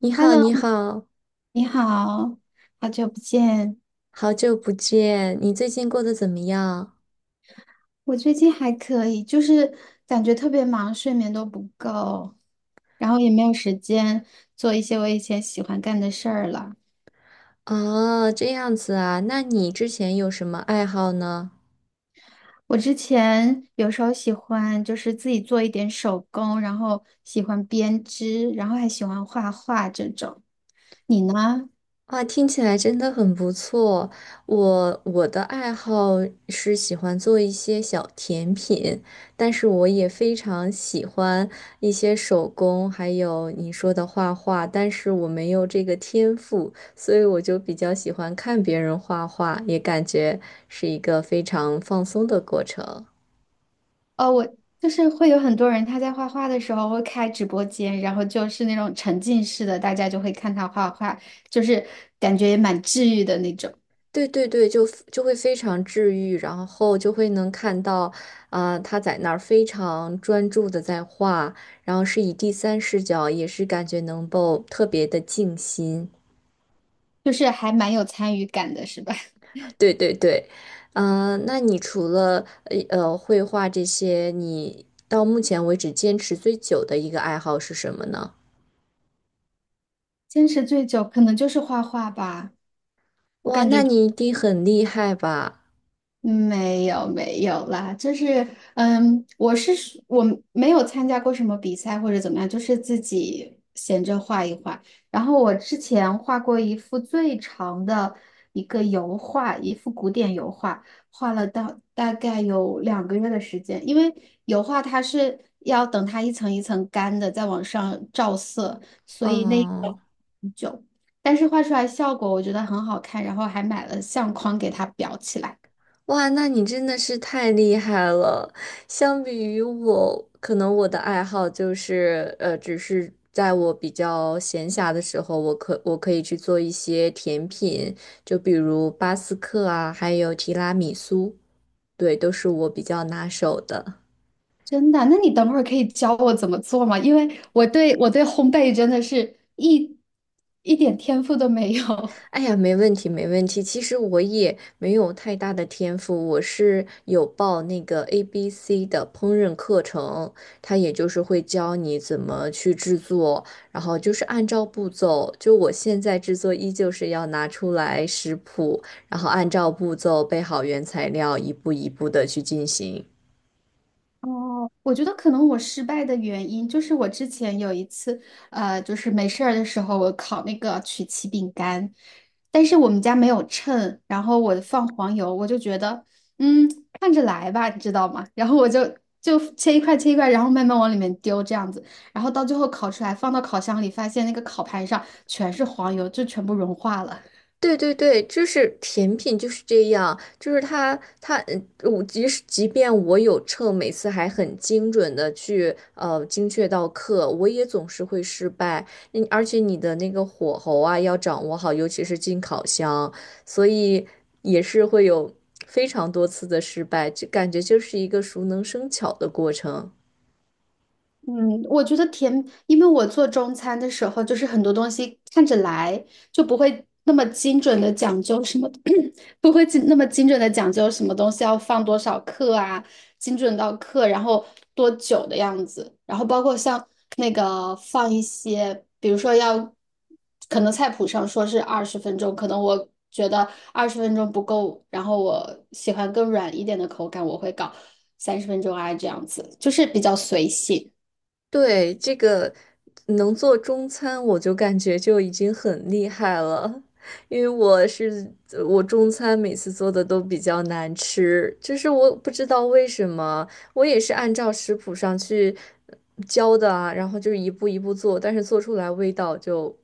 你好，你 Hello，好，你好，好久不见。好久不见，你最近过得怎么样？我最近还可以，就是感觉特别忙，睡眠都不够，然后也没有时间做一些我以前喜欢干的事儿了。哦，这样子啊，那你之前有什么爱好呢？我之前有时候喜欢就是自己做一点手工，然后喜欢编织，然后还喜欢画画这种。你呢？哇，听起来真的很不错。我的爱好是喜欢做一些小甜品，但是我也非常喜欢一些手工，还有你说的画画，但是我没有这个天赋，所以我就比较喜欢看别人画画，也感觉是一个非常放松的过程。哦，我就是会有很多人他在画画的时候会开直播间，然后就是那种沉浸式的，大家就会看他画画，就是感觉也蛮治愈的那种，对对对，就会非常治愈，然后就会能看到，啊，他在那儿非常专注的在画，然后是以第三视角，也是感觉能够特别的静心。就是还蛮有参与感的，是吧？对对对，嗯，那你除了绘画这些，你到目前为止坚持最久的一个爱好是什么呢？坚持最久可能就是画画吧。哇，那你一定很厉害吧？没有没有啦，就是我是属我没有参加过什么比赛或者怎么样，就是自己闲着画一画。然后我之前画过一幅最长的一个油画，一幅古典油画，画了到大概有2个月的时间，因为油画它是要等它一层一层干的，再往上照色，所以那个嗯。很久。但是画出来效果我觉得很好看，然后还买了相框给它裱起来。哇，那你真的是太厉害了！相比于我，可能我的爱好就是，只是在我比较闲暇的时候，我可以去做一些甜品，就比如巴斯克啊，还有提拉米苏，对，都是我比较拿手的。真的？那你等会儿可以教我怎么做吗？因为我对烘焙真的是一点天赋都没有。哎呀，没问题，没问题。其实我也没有太大的天赋，我是有报那个 ABC 的烹饪课程，它也就是会教你怎么去制作，然后就是按照步骤，就我现在制作依旧是要拿出来食谱，然后按照步骤备好原材料，一步一步的去进行。哦，我觉得可能我失败的原因就是我之前有一次，就是没事儿的时候，我烤那个曲奇饼干，但是我们家没有秤，然后我放黄油，我就觉得，嗯，看着来吧，你知道吗？然后我就切一块切一块，然后慢慢往里面丢这样子，然后到最后烤出来，放到烤箱里，发现那个烤盘上全是黄油，就全部融化了。对对对，就是甜品就是这样，就是它，我即便我有秤，每次还很精准的去精确到克，我也总是会失败。嗯，而且你的那个火候啊要掌握好，尤其是进烤箱，所以也是会有非常多次的失败，就感觉就是一个熟能生巧的过程。嗯，我觉得甜，因为我做中餐的时候，就是很多东西看着来就不会那么精准的讲究什么，不会那么精准的讲究什么东西要放多少克啊，精准到克，然后多久的样子，然后包括像那个放一些，比如说要，可能菜谱上说是二十分钟，可能我觉得二十分钟不够，然后我喜欢更软一点的口感，我会搞三十分钟啊，这样子，就是比较随性。对，这个能做中餐，我就感觉就已经很厉害了，因为我中餐每次做的都比较难吃，就是我不知道为什么，我也是按照食谱上去呃教的啊，然后就是一步一步做，但是做出来味道就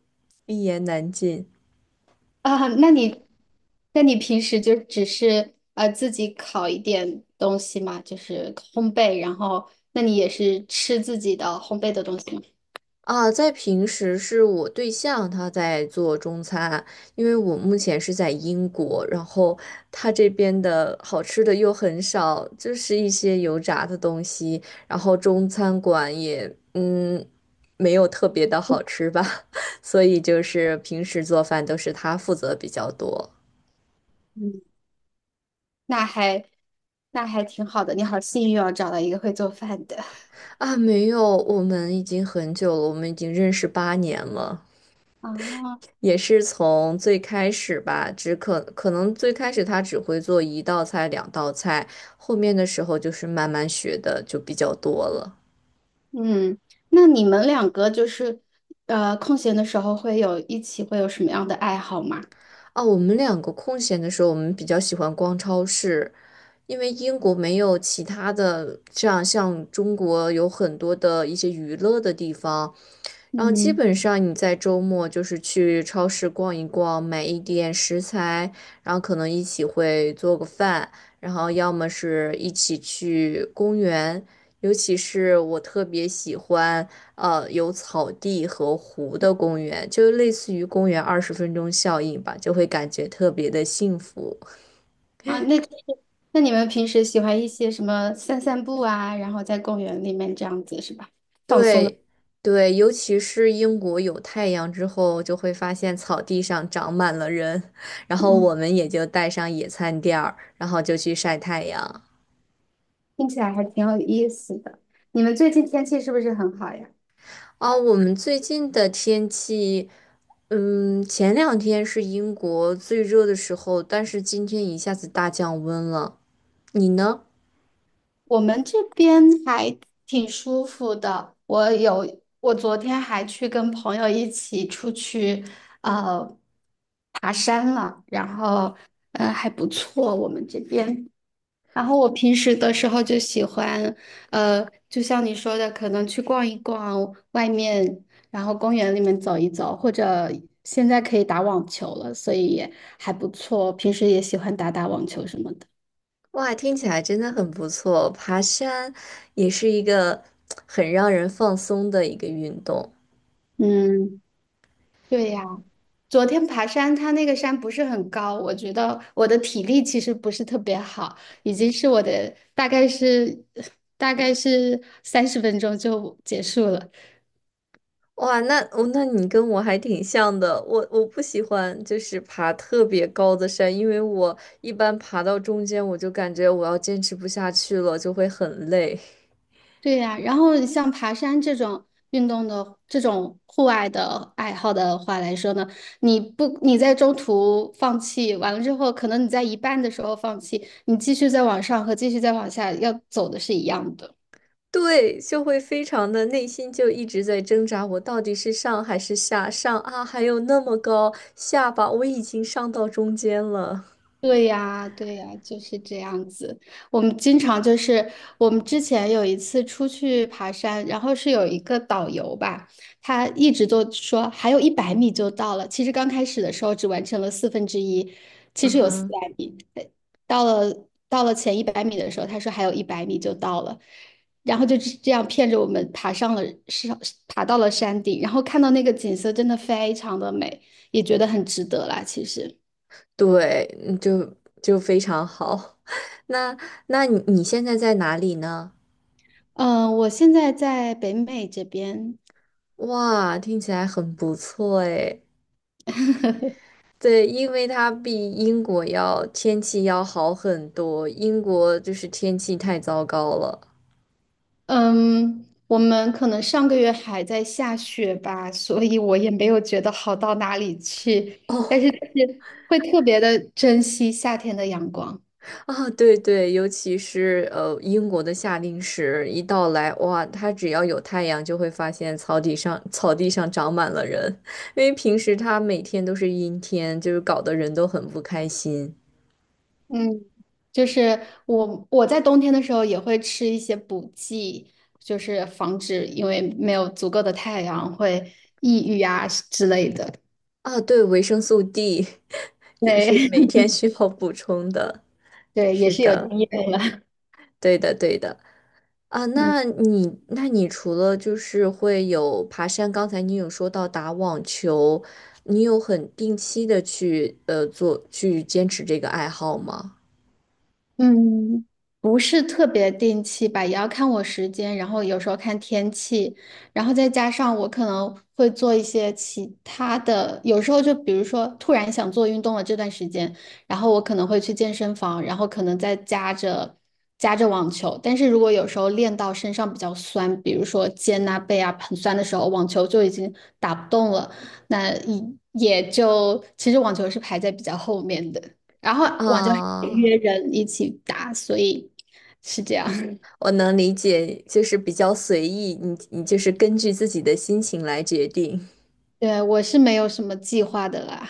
一言难尽。啊，那你平时就只是自己烤一点东西嘛，就是烘焙，然后那你也是吃自己的烘焙的东西吗？啊，在平时是我对象他在做中餐，因为我目前是在英国，然后他这边的好吃的又很少，就是一些油炸的东西，然后中餐馆也没有特别的好吃吧，所以就是平时做饭都是他负责比较多。嗯，那还那还挺好的，你好幸运哦，找到一个会做饭的。啊，没有，我们已经很久了，我们已经认识8年了。啊，也是从最开始吧，可能最开始他只会做一道菜、两道菜，后面的时候就是慢慢学的就比较多了。嗯，那你们两个就是空闲的时候会有什么样的爱好吗？啊，我们两个空闲的时候，我们比较喜欢逛超市，因为英国没有其他的这样像中国有很多的一些娱乐的地方，然后基嗯，本上你在周末就是去超市逛一逛，买一点食材，然后可能一起会做个饭，然后要么是一起去公园，尤其是我特别喜欢有草地和湖的公园，就类似于公园20分钟效应吧，就会感觉特别的幸福。啊，那就是那你们平时喜欢一些什么散散步啊，然后在公园里面这样子是吧？放松的。对对，尤其是英国有太阳之后，就会发现草地上长满了人，然后我们也就带上野餐垫儿，然后就去晒太阳。听起来还挺有意思的。你们最近天气是不是很好呀？哦，我们最近的天气，嗯，前两天是英国最热的时候，但是今天一下子大降温了。你呢？我们这边还挺舒服的。我昨天还去跟朋友一起出去，呃，爬山了，然后，还不错。我们这边，然后我平时的时候就喜欢，就像你说的，可能去逛一逛外面，然后公园里面走一走，或者现在可以打网球了，所以也还不错。平时也喜欢打打网球什么的。哇，听起来真的很不错，爬山也是一个很让人放松的一个运动。嗯，对呀。昨天爬山，它那个山不是很高，我觉得我的体力其实不是特别好，已经是我的大概是 大概是30分钟就结束了。哇，那哦，那你跟我还挺像的。我不喜欢就是爬特别高的山，因为我一般爬到中间，我就感觉我要坚持不下去了，就会很累。对呀，然后你像爬山这种运动的这种户外的爱好的话来说呢，你不你在中途放弃完了之后，可能你在一半的时候放弃，你继续再往上和继续再往下要走的是一样的。对，就会非常的内心就一直在挣扎，我到底是上还是下？上啊，还有那么高，下吧，我已经上到中间了。对呀，对呀，就是这样子。我们经常就是我们之前有一次出去爬山，然后是有一个导游吧，他一直都说还有一百米就到了。其实刚开始的时候只完成了四分之一，其嗯实有四百哼，米。到了前一百米的时候，他说还有一百米就到了，然后就这样骗着我们上爬到了山顶，然后看到那个景色真的非常的美，也觉得很值得啦，其实。对，嗯，就非常好。那你现在在哪里呢？嗯，我现在在北美这边，哇，听起来很不错诶。对，因为它比英国要天气要好很多，英国就是天气太糟糕了。嗯，我们可能上个月还在下雪吧，所以我也没有觉得好到哪里去，哦，但是就是会特别的珍惜夏天的阳光。啊，对对，尤其是英国的夏令时一到来，哇，它只要有太阳，就会发现草地上长满了人，因为平时它每天都是阴天，就是搞得人都很不开心。嗯，就是我在冬天的时候也会吃一些补剂，就是防止因为没有足够的太阳会抑郁啊之类的。啊，对，维生素 D 也是对 每天需要补充的。对，也是是有的，经验了。对的，对的。啊，嗯那你除了就是会有爬山，刚才你有说到打网球，你有很定期的去做去坚持这个爱好吗？嗯，不是特别定期吧，也要看我时间，然后有时候看天气，然后再加上我可能会做一些其他的，有时候就比如说突然想做运动了这段时间，然后我可能会去健身房，然后可能再加着加着网球，但是如果有时候练到身上比较酸，比如说肩啊背啊很酸的时候，网球就已经打不动了，那也就其实网球是排在比较后面的。然后我就啊，约人一起打，所以是这样。我能理解，就是比较随意，你就是根据自己的心情来决定，对，我是没有什么计划的啦，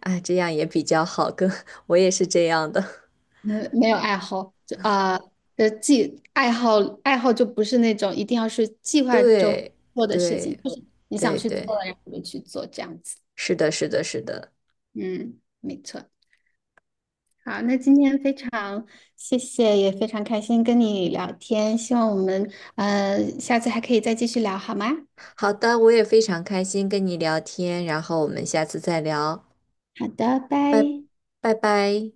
啊，这样也比较好，跟 我也是这样的，嗯，没有爱好，就啊，的计爱好爱好就不是那种一定要是计 划中对做的事情，对就是你想对去对，做了，然后就去做这样子。是的，是的，是的，嗯，没错。好，那今天非常谢谢，也非常开心跟你聊天，希望我们下次还可以再继续聊，好吗？好的，我也非常开心跟你聊天，然后我们下次再聊。好的，拜。拜拜拜。